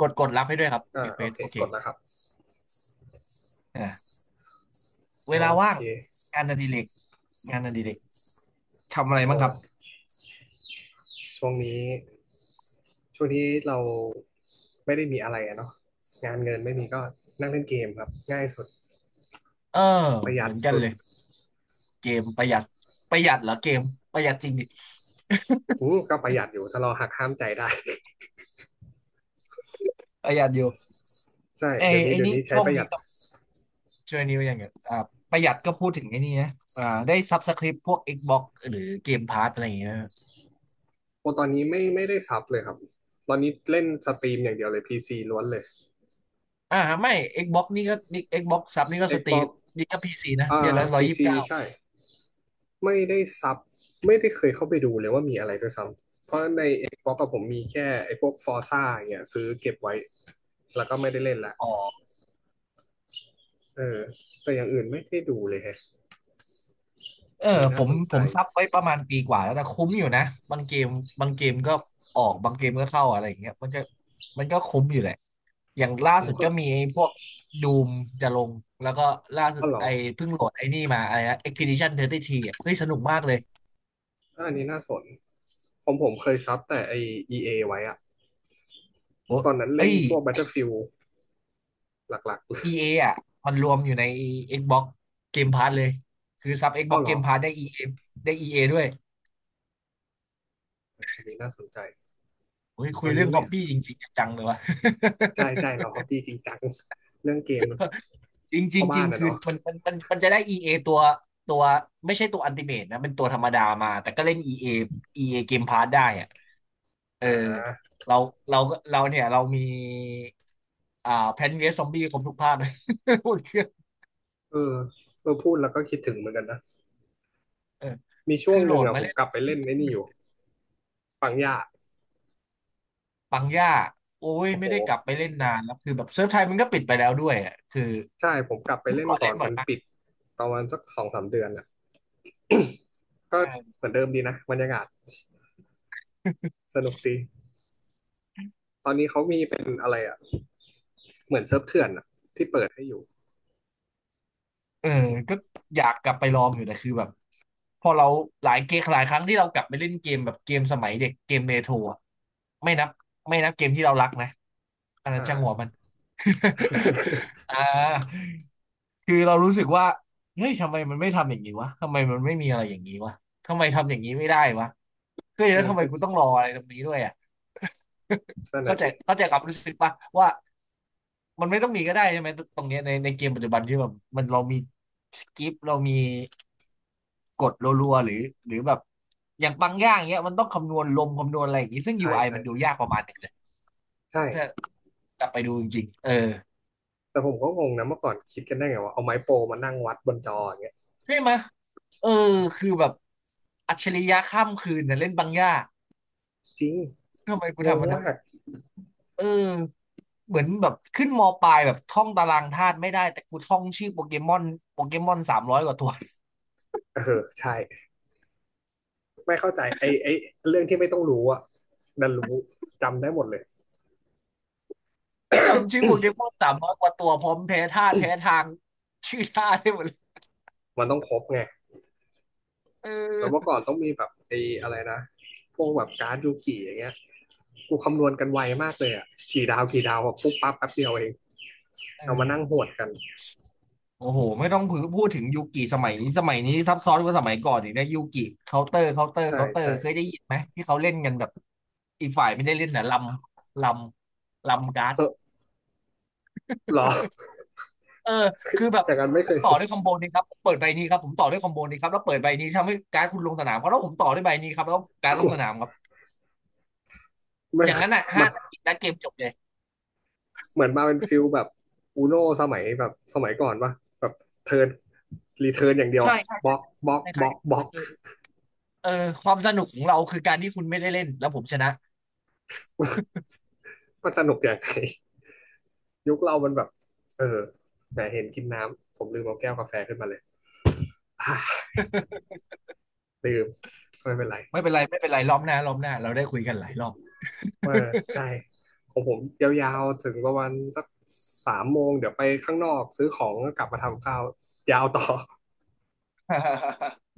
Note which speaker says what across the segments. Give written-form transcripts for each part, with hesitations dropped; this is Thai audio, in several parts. Speaker 1: กดกดรับให้ด้วยครับ
Speaker 2: อ่า
Speaker 1: รีเคว
Speaker 2: โอ
Speaker 1: ส
Speaker 2: เค
Speaker 1: โอเค
Speaker 2: กดแล้วครับ
Speaker 1: อ่ะเว
Speaker 2: โอ
Speaker 1: ลาว่า
Speaker 2: เค
Speaker 1: งงานอดิเรกงานอดิเรกทำอะไร
Speaker 2: โอ้
Speaker 1: บ้างครับ
Speaker 2: ช่วงนี้ช่วงนี้เราไม่ได้มีอะไรอะเนาะงานเงินไม่มีก็นั่งเล่นเกมครับง่ายสุด
Speaker 1: เออ
Speaker 2: ประหยั
Speaker 1: เหมื
Speaker 2: ด
Speaker 1: อนกัน
Speaker 2: สุด
Speaker 1: เลยเกมประหยัดประหยัดเหรอเกมประหยัดจริงดิ
Speaker 2: อู้ก็ประหยัดอยู่ถ้าเราหักห้ามใจได้
Speaker 1: ประหยัดอยู่
Speaker 2: ใช่
Speaker 1: ไอ้
Speaker 2: เดี๋ยวนี้
Speaker 1: ไอ้
Speaker 2: เดี๋ยว
Speaker 1: นี่
Speaker 2: นี้ใช้
Speaker 1: ช่ว
Speaker 2: ป
Speaker 1: ง
Speaker 2: ระหยั
Speaker 1: นี้
Speaker 2: ด
Speaker 1: ต้องช่วงนี้ว่าอย่างเงี้ยประหยัดก็พูดถึงไอ้นี่นะได้ซับสคริปพวก Xbox หรือเกมพาสอะไรอย่างเงี้ยนะ
Speaker 2: โอตอนนี้ไม่ได้ซับเลยครับตอนนี้เล่นสตรีมอย่างเดียวเลยพีซีล้วนเลย
Speaker 1: อ่าไม่ Xbox นี่ก็นี่ Xbox ซับนี่ก็สตรีม
Speaker 2: Xbox
Speaker 1: นี่ก็พีซีนะ
Speaker 2: อ่า
Speaker 1: เดือนละร้อย
Speaker 2: พี
Speaker 1: ยี่สิบ
Speaker 2: ซี
Speaker 1: เก้า
Speaker 2: ใช่ไม่ได้ซับไม่ได้เคยเข้าไปดูเลยว่ามีอะไรด้วยซ้ำเพราะใน Xbox กับผมมีแค่ไอ้พวก Forza อย่างเงี้ยซื้อเก็บไว้ แล้วก็ไม่ได้เล่นละ
Speaker 1: อ๋อ
Speaker 2: เออแต่อย่างอื่นไม่ได้ดูเลยฮะ
Speaker 1: เออ
Speaker 2: อันนี้
Speaker 1: ผ
Speaker 2: น่า
Speaker 1: ม
Speaker 2: สนใจ
Speaker 1: ซับไว้ประมาณปีกว่าแล้วแต่คุ้มอยู่นะบางเกมบางเกมก็ออกบางเกมก็เข้าอะไรอย่างเงี้ยมันก็คุ้มอยู่แหละอย่างล่า
Speaker 2: ผม
Speaker 1: สุด
Speaker 2: ก็
Speaker 1: ก็มีไอ้พวกดูมจะลงแล้วก็ล่าสุ
Speaker 2: อ๋
Speaker 1: ด
Speaker 2: อเหรอ
Speaker 1: ไอ้เพิ่งโหลดไอ้นี่มาอะไรนะ Expedition 33อ่ะเฮ้ยสนุกมากเลย
Speaker 2: ก็อันนี้น่าสนผมเคยซับแต่ไอ e อไว้อะ
Speaker 1: โอ้
Speaker 2: ตอนนั้น
Speaker 1: เอ้
Speaker 2: เล่น
Speaker 1: ย
Speaker 2: พวก Battlefield หลักๆเลย
Speaker 1: EA ออ่ะมันรวมอยู่ใน Xbox Game Pass เลยคือซับ
Speaker 2: อ๋อ
Speaker 1: Xbox
Speaker 2: เหรอ
Speaker 1: Game Pass ได้ EA ได้ EA ด้วย
Speaker 2: อันนี้น่าสนใจ
Speaker 1: โอ้ย
Speaker 2: ต
Speaker 1: คุ
Speaker 2: อ
Speaker 1: ย
Speaker 2: น
Speaker 1: เรื่
Speaker 2: นี้
Speaker 1: องฮ
Speaker 2: ไม่
Speaker 1: อบบี้จริงๆจังๆเลยวะ
Speaker 2: ใช่ใช่เราฮอบบี้จริงจังเรื่องเกม
Speaker 1: จริงจ
Speaker 2: พ่
Speaker 1: ริ
Speaker 2: อ
Speaker 1: งจ
Speaker 2: บ้า
Speaker 1: ริ
Speaker 2: น
Speaker 1: ง
Speaker 2: นะ
Speaker 1: คือ
Speaker 2: เนาะ
Speaker 1: มันจะได้ EA ตัวตัวไม่ใช่ตัวอั t ติเม e นะเป็นตัวธรรมดามาแต่ก็เล่น EA EA เออีเอเกมพาสได้อะเออ
Speaker 2: อ่า
Speaker 1: เราเราก็เราเนี่ยเรามีแพนเวสซอมบี้ครบทุกภาค หมดเครื่อง
Speaker 2: เออเออพูดแล้วก็คิดถึงเหมือนกันนะ
Speaker 1: เออ
Speaker 2: มีช่ว
Speaker 1: คื
Speaker 2: ง
Speaker 1: อโห
Speaker 2: ห
Speaker 1: ล
Speaker 2: นึ่ง
Speaker 1: ด
Speaker 2: อ่ะ
Speaker 1: มา
Speaker 2: ผม
Speaker 1: เล่น
Speaker 2: ก
Speaker 1: แล้
Speaker 2: ลั
Speaker 1: ว
Speaker 2: บไปเล่นไอ้นี่
Speaker 1: มั
Speaker 2: อ
Speaker 1: น
Speaker 2: ยู่ปังย่า
Speaker 1: ปังย่าโอ้ย
Speaker 2: โอ้โห
Speaker 1: ไม่ได้กลับไปเล่นนานแล้วคือแบบเซิร์ฟไทยมันก็ปิดไปแล้วด้วยอ่ะคือ
Speaker 2: ใช่ผมกลับไป
Speaker 1: เมื่อ
Speaker 2: เล่น
Speaker 1: ก่อน
Speaker 2: ก่อ
Speaker 1: เล่
Speaker 2: น
Speaker 1: นบ่อ
Speaker 2: มั
Speaker 1: ย
Speaker 2: น
Speaker 1: มาก
Speaker 2: ปิดประมาณสักสองสามเดือนอ่ะ ก็
Speaker 1: เออ
Speaker 2: เหมือนเดิมดีนะบรรยากาศส นุกดีตอนนี้เขามีเป็นอะไรอ่ะเหมือนเซิร์ฟเถื่อนอ่ะที่เปิดให้อยู่
Speaker 1: เออก็อยากกลับไปลองอยู่แต่คือแบบ พอเราหลายเกมหลายครั้งที่เรากลับไปเล่นเกมแบบเกมสมัยเด็กเกมเรโทรอะไม่นับไม่นับเกมที่เรารักนะอันนั้นช่างหัว
Speaker 2: อ่า
Speaker 1: มัน อ่าคือเรารู้สึกว่าเฮ้ยทำไมมันไม่ทำอย่างนี้วะทำไมมันไม่มีอะไรอย่างนี้วะทำไมทำอย่างนี้ไม่ได้วะเฮ้ย
Speaker 2: เอ
Speaker 1: แล้ว
Speaker 2: อ
Speaker 1: ทำไม
Speaker 2: ก็
Speaker 1: กูต้องรออะไรตรงนี้ด้วยอ่ะ
Speaker 2: นั่ น
Speaker 1: เข้า
Speaker 2: น่ะ
Speaker 1: ใจ
Speaker 2: สิ
Speaker 1: เข้าใจความรู้สึกปะว่ามันไม่ต้องมีก็ได้ใช่ไหมตรงเนี้ยในเกมปัจจุบันที่แบบมันเรามีสกิปเรามี กดรัวๆหรือหรือแบบอย่างบางอย่างเงี้ยมันต้องคำนวณลมคำนวณอะไรอย่างงี้ซึ่ง
Speaker 2: ใช่
Speaker 1: UI
Speaker 2: ใช่
Speaker 1: มันดู
Speaker 2: ใช่
Speaker 1: ยากประมาณหนึ่งเลยถ้า
Speaker 2: ใช่
Speaker 1: กลับไปดูจริงๆเออ
Speaker 2: แต่ผมก็งงนะเมื่อก่อนคิดกันได้ไงว่าเอาไม้โปรมานั่งวัดบนจออย่างเงี้ย
Speaker 1: ใช่ไหมยเออคือแบบอัจฉริยะข้ามคืนนะเล่นบางอย่าง
Speaker 2: จริง
Speaker 1: ทำไมกู
Speaker 2: งง
Speaker 1: ทำมันนั้น
Speaker 2: มาก
Speaker 1: เออเหมือนแบบขึ้นมปลายแบบท่องตารางธาตุไม่ได้แต่กูท่องชื่อโปเกมอนโปเกมอนสามร้อยกว่าตัว
Speaker 2: เออใช่ไม่เข้าใจไอ้เรื่องที่ไม่ต้องรู้อะดันรู้จำได้หมดเลย
Speaker 1: จำชื่อโปเกมอน300กว่าตัวพร้อมแพ้ธาตุแพ้ทางชื่อธาตุได้หมดเลย
Speaker 2: มันต้องครบไง
Speaker 1: เอ
Speaker 2: แล้วเมื่อ
Speaker 1: อ
Speaker 2: ก่อนต้องมีแบบไอ้อะไรนะพวกแบบการ์ดยูกิอย่างเงี้ย กูคำนวณกันไวมากเลยอ่ะกี่ดาวกี่ดาวอะปุ๊บปั๊บแป๊บเดียวเอง
Speaker 1: เอ
Speaker 2: เอา
Speaker 1: อ
Speaker 2: มานั่งโหวดกัน
Speaker 1: โอ้โหไม่ต้องพูดถึงยูกิสมัยนี้สมัยนี้ซับซ้อนกว่าสมัยก่อนอีกนะยูกิเคาน์เตอร์เคาน์เตอร์
Speaker 2: ใช่
Speaker 1: เคาน์เตอร์
Speaker 2: ใช่
Speaker 1: เคยได้ยินไหมที่เขาเล่นกันแบบอีกฝ่ายไม่ได้เล่นนะำลลำการ์ด
Speaker 2: เออหรอ
Speaker 1: เออคือแบบ
Speaker 2: แต่กันไม่
Speaker 1: ผ
Speaker 2: เค
Speaker 1: ม
Speaker 2: ย
Speaker 1: ต่ อด้วยคอมโบนี้ครับผมเปิดใบนี้ครับผมต่อด้วยคอมโบนี้ครับแล้วเปิดใบนี้ทำให้การ์ดคุณลงสนามครับแล้วผมต่อด้วยใบนี้ครับแล้วการ์ดล
Speaker 2: กู
Speaker 1: งสนามครับ
Speaker 2: ไม่
Speaker 1: อย่างนั้นอ่ะห้า
Speaker 2: มา
Speaker 1: นาทีแล้วเกมจบเลย
Speaker 2: เหมือนมาเป็นฟิลแบบอูโนสมัยแบบสมัยก่อนปะแบบเทิร์นรีเทิร์นอย่างเดียว
Speaker 1: ใช่ใช่
Speaker 2: บล็
Speaker 1: ใช่
Speaker 2: อก
Speaker 1: ใช่
Speaker 2: บล็อก
Speaker 1: ในไท
Speaker 2: บล็
Speaker 1: ย
Speaker 2: อกบล็อก
Speaker 1: เออเออความสนุกของเราคือการที่คุณไม่ได้เล่นแล้วผมชนะ
Speaker 2: มันสนุกอย่างไรยุคเรามันแบบเออแหมเห็นกินน้ำผมลืมเอาแก้วกาแฟขึ้นมาเลย ลืมไม่เป็นไร
Speaker 1: ไม่เป็นไรไม่เป็นไรรอบหน้ารอบหน้าเราได้คุยกันหลายรอบ
Speaker 2: เออใช่ของผมยาวๆถึงประมาณสักสามโมงเดี๋ยวไปข้างนอกซื้อของแล้วกลับมาทำข้าวยาวต่อ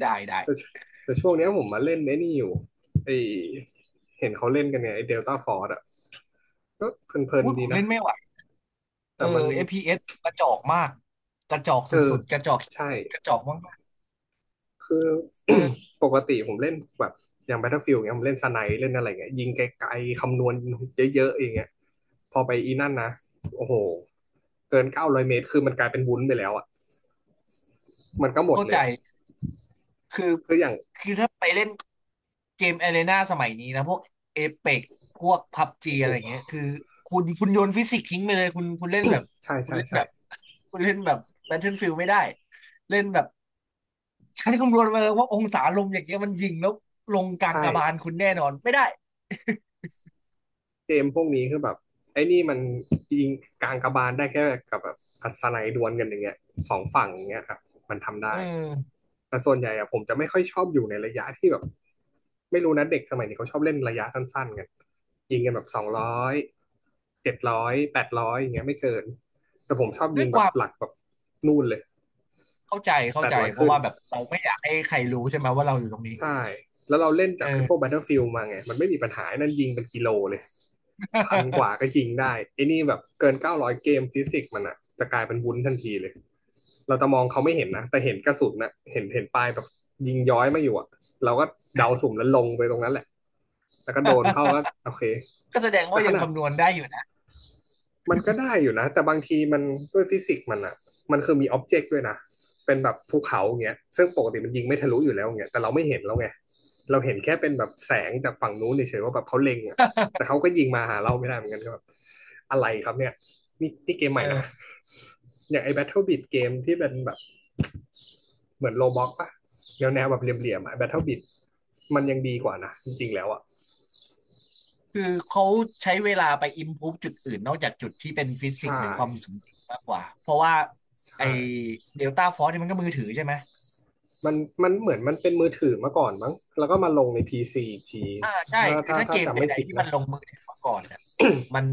Speaker 1: ได้
Speaker 2: แต่
Speaker 1: ได้
Speaker 2: แต่ช่วงเนี้ยผมมาเล่นไอ้นี่อยู่ไอเห็นเขาเล่นกันไงไอเดลต้าฟอร์ดอ่ะก็เพลิน
Speaker 1: อุ้ย
Speaker 2: ๆ
Speaker 1: ผ
Speaker 2: ดี
Speaker 1: ม
Speaker 2: นะ
Speaker 1: เล่นไม่ไหวเอ
Speaker 2: แต่
Speaker 1: อ
Speaker 2: มัน
Speaker 1: เ p s กระจอกมากกระจอก
Speaker 2: เออ
Speaker 1: สุดๆกระจอก
Speaker 2: ใช่
Speaker 1: กระจอกมาก
Speaker 2: คือ
Speaker 1: ๆเออ
Speaker 2: ปกติผมเล่นแบบอย่าง Battlefield เงี้ยผมเล่นสไนป์เล่นอะไรเงี้ยยิงไกลๆคำนวณเยอะๆอย่างเงี้ยพอไปอีนั่นนะโอ้โหเกิน900 เมตรคือมันกลายเป็นวุ้นไปแล้วอะ มันก็หมด
Speaker 1: เข้า
Speaker 2: เล
Speaker 1: ใจ
Speaker 2: ยอะ
Speaker 1: คือ
Speaker 2: คืออย่าง
Speaker 1: คือถ้าไปเล่นเกม a อารีนาสมัยนี้นะพวกเอเปกพวกพับจี
Speaker 2: โอ้
Speaker 1: อะไรอย่าง
Speaker 2: โห
Speaker 1: เงี้ยคือคุณโยนฟิสิกส์ทิ้งไปเลยคุณเล่นแบบ
Speaker 2: ใช่
Speaker 1: คุณ
Speaker 2: ใช่
Speaker 1: เล่น
Speaker 2: ใช่
Speaker 1: แบบคุณเล่นแบบ Battlefield ไม่ได้เล่นแบบใช้คำนวณมาเลยว่าองศาลมอย่างเงี้ยมันยิงแล้วลงกลาง
Speaker 2: ใช่
Speaker 1: กระบาลคุณแน่นอนไม่ได้
Speaker 2: เกมพวกนี้คือแบบไอ้นี่มันยิงกลางกระบาลได้แค่กับแบบอัศนัยดวลกันอย่างเงี้ยสองฝั่งอย่างเงี้ยครับมันทำได้
Speaker 1: เออ
Speaker 2: แต่ส่วนใหญ่อะผมจะไม่ค่อยชอบอยู่ในระยะที่แบบไม่รู้นะเด็กสมัยนี้เขาชอบเล่นระยะสั้นๆกันยิงกันแบบ200700แปดร้อยอย่างเงี้ยไม่เกินแต่ผมชอบ
Speaker 1: ด้
Speaker 2: ยิ
Speaker 1: ว
Speaker 2: ง
Speaker 1: ยค
Speaker 2: แบบ
Speaker 1: วาม
Speaker 2: หลักแบบนู่นเลย
Speaker 1: เข้าใจ
Speaker 2: แป
Speaker 1: เข้า
Speaker 2: ด
Speaker 1: ใจ
Speaker 2: ร้อย
Speaker 1: เพ
Speaker 2: ขึ้
Speaker 1: ราะ
Speaker 2: น
Speaker 1: ว่าแบบเราไม่อยากให้ใครรู้ใช่ไหมว่าเราอยู่ตรงนี้
Speaker 2: ใช่ แล้วเราเล่น
Speaker 1: เอ
Speaker 2: จากไอ้พวก
Speaker 1: อ
Speaker 2: Battlefield มาไง มันไม่มีปัญหาไอ้นั่นยิงเป็นกิโลเลย พันกว่าก็ ยิงได้ไอ้นี่แบบเกินเก้าร้อยเกมฟิสิกส์มันอะจะกลายเป็นวุ้นทันทีเลย เราจะมองเขาไม่เห็นนะ แต่เห็นกระสุนนะ เห็นปลายแบบยิงย้อยมาอยู่อะเราก็เดาสุ่มแล้วลงไปตรงนั้นแหละ แล้วก็โดนเข้าก็โอเค
Speaker 1: ก็แสดง
Speaker 2: แต่
Speaker 1: ว่า
Speaker 2: ข
Speaker 1: ยัง
Speaker 2: นาด
Speaker 1: คำนวณได้อยู่นะ
Speaker 2: มันก็ได้อยู่นะแต่บางทีมันด้วยฟิสิกส์มันอะมันคือมีอ็อบเจกต์ด้วยนะเป็นแบบภูเขาอย่างเงี้ยซึ่งปกติมันยิงไม่ทะลุอยู่แล้วอย่างเงี้ยแต่เราไม่เห็นแล้วไงเราเห็นแค่เป็นแบบแสงจากฝั่งนู้นเฉยๆว่าแบบเขาเล็งอะแต่เขาก็ยิงมาหาเราไม่ได้เหมือนกันก็แบบอะไรครับเนี่ยนี่นี่เกมใหม่นะ
Speaker 1: เออ
Speaker 2: อย่างไอ้ Battle Beat เกมที่เป็นแบบเหมือนโลบ็อกปะแนวแๆแบบเหลี่ยมๆอะ Battle Beat มันยังดีกว่านะจริงๆแล้วอะ
Speaker 1: คือเขาใช้เวลาไป improve จุดอื่นนอกจากจุดที่เป็นฟิสิ
Speaker 2: ใช่
Speaker 1: กส์หรือความสมจริงมากกว่าเพราะว่าไอ
Speaker 2: ใช่
Speaker 1: เดลต้าฟอร์สนี่ยมันก็มือถือใช่ไหม
Speaker 2: มันมันเหมือนมันเป็นมือถือมาก่อนมั้งแล้วก็มาลงใน PC อีกที
Speaker 1: อ่าใช่
Speaker 2: ถ้า
Speaker 1: คือ
Speaker 2: ถ้า
Speaker 1: ถ้าเก
Speaker 2: ถ้า
Speaker 1: ม
Speaker 2: จำ
Speaker 1: ใด
Speaker 2: ไม่ผิ
Speaker 1: ๆ
Speaker 2: ด
Speaker 1: ที่มั
Speaker 2: นะ
Speaker 1: นลงมือถือมาก่อนเนี่ยมัน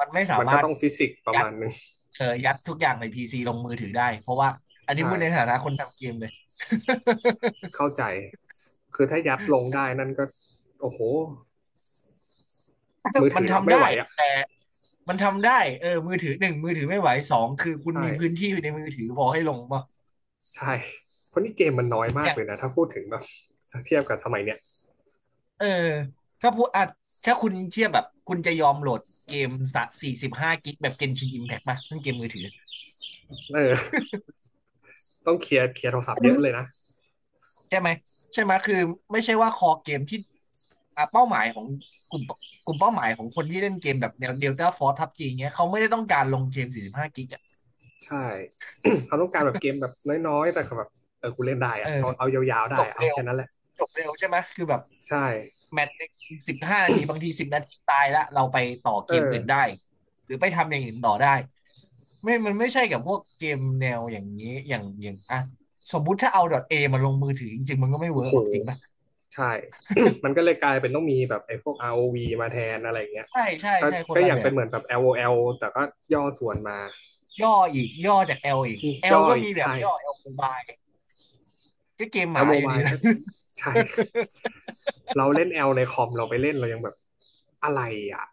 Speaker 1: ไม่สา
Speaker 2: มัน
Speaker 1: มา
Speaker 2: ก็
Speaker 1: รถ
Speaker 2: ต้องฟิสิกส์ประ
Speaker 1: ยัด
Speaker 2: มาณนึง
Speaker 1: เออยัดทุกอย่างในพีซีลงมือถือได้เพราะว่าอันนี้
Speaker 2: ใช่
Speaker 1: พูดในฐานะคนทำเกมเลย
Speaker 2: เข้าใจคือถ้ายัดลงได้นั่นก็โอ้โหมือ
Speaker 1: มั
Speaker 2: ถื
Speaker 1: น
Speaker 2: อรับ
Speaker 1: ทำ
Speaker 2: ไม่
Speaker 1: ได้
Speaker 2: ไหวอ่ะ
Speaker 1: แต่ มันทำได้มือถือหนึ่งมือถือไม่ไหวสองคือคุ
Speaker 2: ใช
Speaker 1: ณมีพื้น
Speaker 2: ่
Speaker 1: ที่ในมือถือพอให้ลงป่ะ
Speaker 2: ใช่เพราะนี่เกมมันน้อยมา
Speaker 1: อ
Speaker 2: ก
Speaker 1: ย่าง
Speaker 2: เลยนะถ้าพูดถึงแบบเทียบกับสมัยเนี้ย
Speaker 1: เออถ้าพูดอ่ะถ้าคุณเทียบแบบคุณจะยอมโหลดเกมสักสี่สิบห้ากิกแบบ Genshin Impact ป่ะนั่นเกมมือถือ
Speaker 2: เออต้องเคลียร์โทรศัพท์เยอะเลยนะ
Speaker 1: ใช่ไหมใช่ไหมคือไม่ใช่ว่าคอเกมที่อ่ะเป้าหมายของกลุ่มกลุ่มเป้าหมายของคนที่เล่นเกมแบบแนว Delta Force พับจีเงี้ยเขาไม่ได้ต้องการลงเกมสี่สิบห้ากิกอะ
Speaker 2: ใช่เขาต้องการแบบเกมแบบน้อยๆแต่แบบเออกูเล่นได้
Speaker 1: เอ
Speaker 2: อะ
Speaker 1: อ
Speaker 2: เอายาวๆ
Speaker 1: จ
Speaker 2: ได้
Speaker 1: บ
Speaker 2: เอา
Speaker 1: เร็ว
Speaker 2: แค่นั้นแหละ
Speaker 1: จบเร็วใช่ไหมคือแบบ
Speaker 2: ใช่
Speaker 1: แมตช์หนึ่ง15 นาทีบางที10 นาทีตายละเราไปต่อเก
Speaker 2: เอ
Speaker 1: ม
Speaker 2: อ
Speaker 1: อื่นได้หรือไปทำอย่างอื่นต่อได้ไม่มันไม่ใช่กับพวกเกมแนวอย่างนี้อย่างอ่ะสมมุติถ้าเอาดอท A มาลงมือถือจริงๆมันก็ไม่เวิ
Speaker 2: โอ้
Speaker 1: ร์ก
Speaker 2: โห
Speaker 1: หรอกจริงป่ะ
Speaker 2: ใช่ มันก็เลยกลายเป็นต้องมีแบบไอ้พวก ROV มาแทนอะไรอย่างเงี้ย
Speaker 1: ใช่ใช่
Speaker 2: ก็
Speaker 1: ใช่คน
Speaker 2: ก็อ
Speaker 1: ละ
Speaker 2: ย่าง
Speaker 1: แบ
Speaker 2: เป็น
Speaker 1: บ
Speaker 2: เหมือนแบบ LOL แอลแต่ก็ย่อส่วนมา
Speaker 1: ย่ออีกย่อจาก L อีก L ล
Speaker 2: ย่อ
Speaker 1: ก็
Speaker 2: อี
Speaker 1: มี
Speaker 2: ก
Speaker 1: แบบ
Speaker 2: ใช่
Speaker 1: ย่อ L อลโมบายก็เกมห
Speaker 2: แ L
Speaker 1: มาอยู่ดี
Speaker 2: Mobile
Speaker 1: นะ
Speaker 2: ก็ใช่ เราเล่น L ในคอมเราไปเล่นเรายังแบบอะไรอ่ะ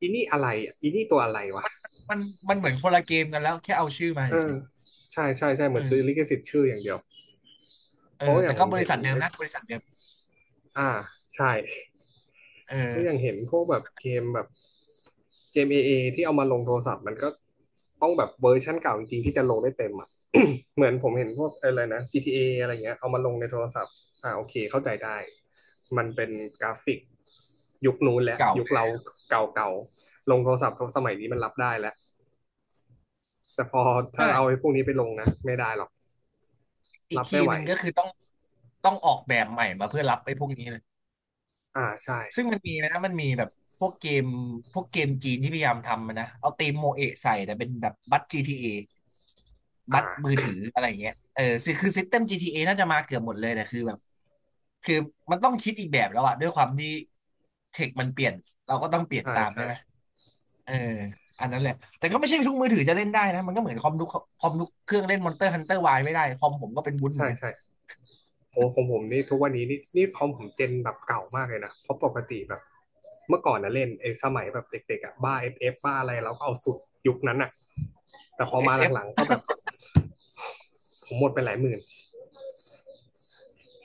Speaker 2: อีนี่อะไรอ่ะอีนี่ตัวอะไรวะ
Speaker 1: มันมันเหมือนคนละเกมกันแล้วแค่เอาชื่อมา
Speaker 2: เอ
Speaker 1: เฉ
Speaker 2: อ
Speaker 1: ย
Speaker 2: ใช่ใช่ใช่เห
Speaker 1: ๆ
Speaker 2: มือนซื้อลิขสิทธิ์ชื่ออย่างเดียว
Speaker 1: เอ
Speaker 2: เพ
Speaker 1: อ
Speaker 2: ราะว่าอย่า
Speaker 1: แต่
Speaker 2: งผ
Speaker 1: ก็
Speaker 2: ม
Speaker 1: บริ
Speaker 2: เห็น
Speaker 1: ษัทเดิมนะบริษัทเดิม
Speaker 2: อ่าใช่
Speaker 1: เออ
Speaker 2: เพราะอย่างเห็นพวกแบบเกมแบบเกมเอเอที่เอามาลงโทรศัพท์มันก็ต้องแบบเวอร์ชันเก่าจริงๆที่จะลงได้เต็มอ่ะ เหมือนผมเห็นพวกอะไรนะ GTA ออะไรเงี้ยเอามาลงในโทรศัพท์อ่าโอเคเข้าใจได้มันเป็นกราฟิกยุคนู้นแหละ
Speaker 1: เก่า
Speaker 2: ยุค
Speaker 1: เล
Speaker 2: เรา
Speaker 1: ย
Speaker 2: เก่าๆลงโทรศัพท์สมัยนี้มันรับได้แล้วแต่พอถ้าเอาไอ้
Speaker 1: ใช่
Speaker 2: พวกนี้ไปลงนะไม่ได้หรอก
Speaker 1: อีก
Speaker 2: รับ
Speaker 1: คี
Speaker 2: ไม่
Speaker 1: ย์
Speaker 2: ไหว
Speaker 1: หนึ่งก็คือต้องออกแบบใหม่มาเพื่อรับไอ้พวกนี้เลย
Speaker 2: อ่าใช่
Speaker 1: ซึ่งมันมีนะมันมีแบบพวกเกมพวกเกมจีนที่พยายามทำอะนะเอาธีมโมเอะใส่แต่เป็นแบบบัตร GTA บั
Speaker 2: อ่
Speaker 1: ตรมือ
Speaker 2: า
Speaker 1: ถืออะไรอย่างเงี้ยเออคือซิสเต็ม GTA น่าจะมาเกือบหมดเลยแต่คือแบบคือมันต้องคิดอีกแบบแล้วอะด้วยความที่เทคมันเปลี่ยนเราก็ต้องเปลี่ยน
Speaker 2: ใช่
Speaker 1: ตาม
Speaker 2: ใช่
Speaker 1: ใช่ไหมเอออันนั้นแหละแต่ก็ไม่ใช่ทุกมือถือจะเล่นได้นะมันก็เหมือนคอมทุกเครื่องเล่น Monster Hunter Y ไม่ได้คอมผมก็เป็นวุ้นเหมื
Speaker 2: ใช่
Speaker 1: อนกัน
Speaker 2: ใช่ โอ้ของผมนี่ทุกวันนี้นี่คอมผมเจนแบบเก่ามากเลยนะเพราะปกติแบบเมื่อก่อนนะเล่นไอ้สมัยแบบเด็กๆอ่ะบ้าเอฟเอฟบ้าอะไรเราก็เอาสุดยุคนั้นอ่ะแต่
Speaker 1: โอ้
Speaker 2: พอมา
Speaker 1: SF
Speaker 2: หลังๆก็แบบผมหมดไปหลายหมื่น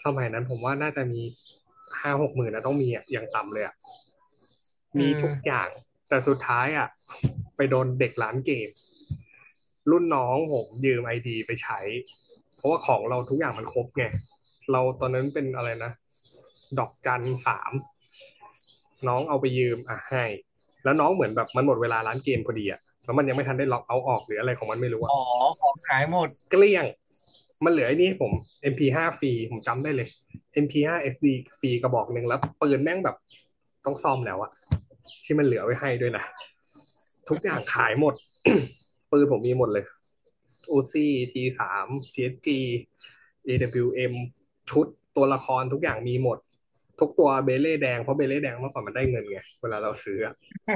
Speaker 2: สมัยนั้นผมว่าน่าจะมีห้าหกหมื่นนะต้องมีอ่ะอย่างต่ำเลยอ่ะ
Speaker 1: เออ
Speaker 2: มีทุกอย่างแต่สุดท้ายอ่ะไปโดนเด็กร้านเกมรุ่นน้องผมยืมไอดีไปใช้เพราะว่าของเราทุกอย่างมันครบไงเราตอนนั้นเป็นอะไรนะดอกจันสาม น้องเอาไปยืมอ่ะให้ แล้วน้องเหมือนแบบมันหมดเวลาร้านเกมพอดีอะแล้วมันยังไม่ทันได้ล็อกเอาออกหรืออะไรของมันไม่รู้
Speaker 1: อ๋
Speaker 2: อะ
Speaker 1: อ ของหายหมด
Speaker 2: เกลี้ยง มันเหลือไอ้นี่้ผม MP5 ฟว์ฟรีผมจำได้เลย MP5 SD ฟว์เอสดีฟรีกระบอกหนึ่งแล้วปืนแม่งแบบต้องซ่อมแล้วอะที่มันเหลือไว้ให้ด้วยนะทุกอย่างขายหมด ปืนผมมีหมดเลย UC T3 TSG AWM ชุดตัวละครทุกอย่างมีหมดทุกตัวเบเล่แดงเพราะเบเล่แดงเมื่อก่อนมันได้เงินไงเวลาเราซื้อ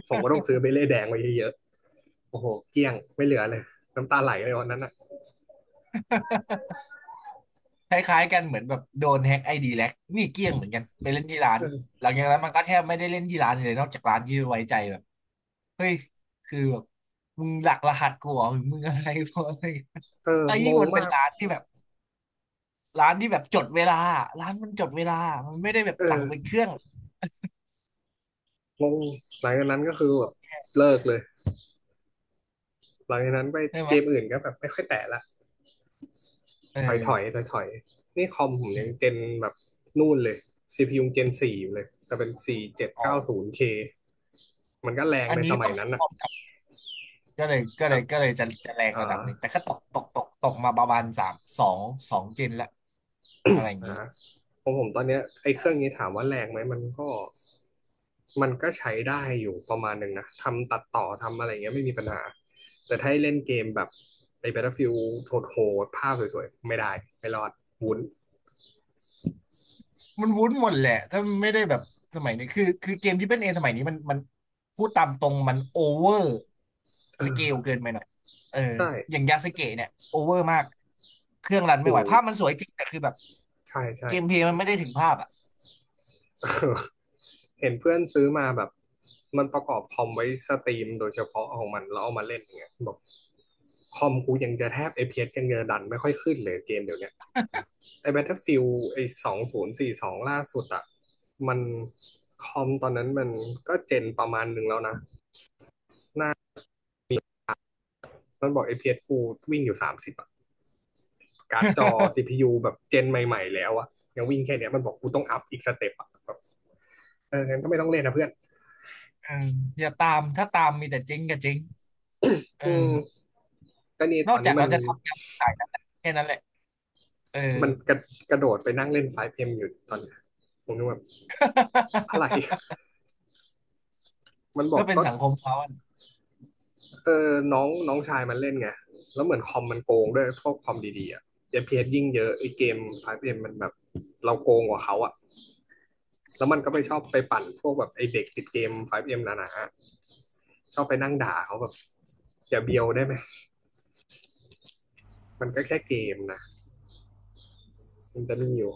Speaker 2: ผมก็ต้องซื้อเบเล่แดงไว้เยอะๆโอ้โหเกลี้ยงไม่เหลือเลยน้ำตาไหลเลยวันนั้นอะ
Speaker 1: คล้ายๆกันเหมือนแบบโดนแฮ็กไอดีแล็กนี่เกลี้ยงเหมือนกันไปเล่นที่ร้าน
Speaker 2: เออ
Speaker 1: หลังจากนั้นมันก็แทบไม่ได้เล่นที่ร้านเลยนอกจากร้านที่ไว้ใจแบบเฮ้ยคือแบบมึงหลักรหัสกูเหรอมึงอะไรพวกอะไร
Speaker 2: เออ
Speaker 1: ไอ้
Speaker 2: ง
Speaker 1: ยิ่ง
Speaker 2: ง
Speaker 1: มันเป็น
Speaker 2: มาก
Speaker 1: ร้านที่แบบจดเวลาร้านมันจดเวลามันไม่ได้แบบ
Speaker 2: เอ
Speaker 1: สั่งเป็นเค
Speaker 2: อ
Speaker 1: รื่อง
Speaker 2: งง หลังจากนั้นก็คือแบบเลิกเลย หลังจากนั้นไป
Speaker 1: ใช่ไหม
Speaker 2: เกมอื่นก็แบบไม่ค่อยแตะละ
Speaker 1: เอ
Speaker 2: ถอยถอย
Speaker 1: อ
Speaker 2: ถอยถอยๆ นี่คอมผมยังเจ
Speaker 1: เออ
Speaker 2: นแบบนู่นเลยซีพียูเจนสี่อยู่เลยแต่เป็นสี่เจ็ด
Speaker 1: อ๋อ
Speaker 2: เก้าศูนย์เคมันก็แรง
Speaker 1: อัน
Speaker 2: ใน
Speaker 1: นี้
Speaker 2: สมั
Speaker 1: ต้
Speaker 2: ย
Speaker 1: อง
Speaker 2: นั้
Speaker 1: ใช้
Speaker 2: น
Speaker 1: ค
Speaker 2: อ่ะ
Speaker 1: อมครับ
Speaker 2: อ่
Speaker 1: ก็เลยจะแรงระดับหนึ่
Speaker 2: า
Speaker 1: งแต่ก็ตกมาประมาณสามสองสองเจนละ อะไรอย่างนี้
Speaker 2: อ่าของผมตอนเนี้ยไอ้เครื่องนี้ถามว่าแรงไหมมันก็ มันก็ใช้ได้อยู่ประมาณหนึ่งนะ ทำตัดต่อทำอะไรเงี้ยไม่มีปัญหา แต่ถ้าให้เล่นเกมแบบไอ้ Battlefield โหดๆภาพสวยๆไม่ได้ไม่รอดวุ้น
Speaker 1: มันวุ้นหมดแหละถ้าไม่ได้แบบสมัยนี้คือเกมที่เป็นเอสมัยนี้มันพูดตามตรงมันโอเวอร์
Speaker 2: เอ
Speaker 1: ส
Speaker 2: อ
Speaker 1: เกลเกินไปหน่อยเออ
Speaker 2: ใช่
Speaker 1: อย่างยาสึเกะเนี่ยโอเวอร์มากเครื่องรัน
Speaker 2: โอ
Speaker 1: ไม่ไหวภาพมั
Speaker 2: ้
Speaker 1: นสวยจริงแต่คือแบบ
Speaker 2: ใช่ใช่
Speaker 1: เกมเพลย์มันไม่ได้ถึงภาพอ่ะ
Speaker 2: เห็นเพื่อนซื้อมาแบบมันประกอบคอมไว้สตรีมโดยเฉพาะของมันแล้วเอามาเล่นอย่างเงี้ยบอกคอมกูยังจะแทบเ p s ยังจะดันไม่ค่อยขึ้นเลยเกมเดี๋ยวนี้ไอ้ Battlefield ไอ้สองศูนย์สี่สบสองล่าสุดอะมันคอมตอนนั้นมันก็เจนประมาณหนึ่งแล้วนะ มันบอก FPS Full วิ่งอยู่สามสิบอะการ์ดจอ CPU แบบเจนใหม่ๆแล้วอะยังวิ่งแค่เนี้ยมันบอกกูต้องอัพอีกสเต็ปอะแบบเอองั้นก็ไม่ต้องเล่นนะเพื่อน
Speaker 1: เอออย่าตามถ้าตามมีแต่เจ๊งกับเจ๊งเออ
Speaker 2: อืมก็นี่
Speaker 1: น
Speaker 2: ต
Speaker 1: อ
Speaker 2: อ
Speaker 1: ก
Speaker 2: น
Speaker 1: จา
Speaker 2: นี้
Speaker 1: ก
Speaker 2: มั
Speaker 1: เรา
Speaker 2: น
Speaker 1: จะทำงานสายนั้นแหละแค่นั้นแหละเออ
Speaker 2: มันกระโดดไปนั่งเล่นไฟว์เอ็มอยู่ตอนนี้ผมนึกว่าอะไรมันบ อ
Speaker 1: ก็
Speaker 2: ก
Speaker 1: เป็น
Speaker 2: ก็
Speaker 1: สังคมเขาอ
Speaker 2: เออน้องน้องชายมันเล่นไงแล้วเหมือนคอมมันโกงด้วยพวกคอมดีๆอะเ p s ยิ่งเยอะไอเกมไฟว์เอ็มมันแบบเราโกงกว่าเขาอะแล้วมันก็ไปชอบไปปั่นพวกแบบไอเด็กติดเกมไฟว์เอ็มนานะชอบไปนั่งด่าเขาแบบ อย่าเบียวได้ไหม มันก็แค่เกมนะ มันจะมีอยู่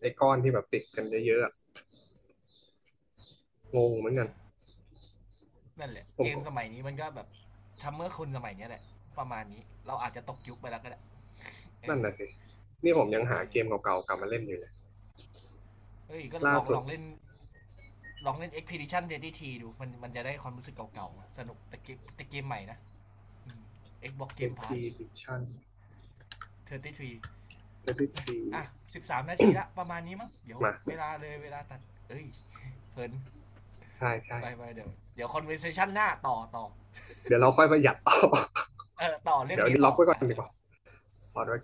Speaker 2: ไอ้ก้อนที่แบบติดกันเยอะๆอะ งงเหมือนกัน
Speaker 1: ะ นั่นแหละ
Speaker 2: ผ
Speaker 1: เก
Speaker 2: ม
Speaker 1: ม
Speaker 2: ก็
Speaker 1: สมัยนี้มันก็แบบทำเมื่อคนสมัยนี้แหละประมาณนี้เราอาจจะตกยุคไปแล้วก็ได้เอ
Speaker 2: นั่น
Speaker 1: อ
Speaker 2: น่ะสิ นี่ผมยังหา
Speaker 1: เอ
Speaker 2: เกม
Speaker 1: อ
Speaker 2: เก่าๆกลับมาเล่นอยู่เลย
Speaker 1: เฮ้ยก็
Speaker 2: ล่าสุ
Speaker 1: ล
Speaker 2: ด
Speaker 1: องเล่นลองเล่น Expedition 33ดสิบ T ดูมันมันจะได้ความรู้สึกเก่าๆสนุกแต่เกมใหม่นะอม Xbox Game Pass
Speaker 2: Expedition
Speaker 1: 33อร์ตี้ทรี
Speaker 2: ที
Speaker 1: อ่ะ13นาทีละประมาณนี้มั้งเดี๋ยว
Speaker 2: มา
Speaker 1: เวลาเลยเวลาตัดเอ้ย เพลิน
Speaker 2: ใช่ใช่
Speaker 1: ไปไปเดี๋ยว conversation หน้าต่อ
Speaker 2: เดี๋ยวเราค่อยประหยัดต่อ
Speaker 1: เออต่อเรื่อ
Speaker 2: เดี๋
Speaker 1: ง
Speaker 2: ยว
Speaker 1: นี้
Speaker 2: นี้ล็อ
Speaker 1: ต่อ
Speaker 2: กไว้ก่อนดีกว่าพอดไว้ก่อน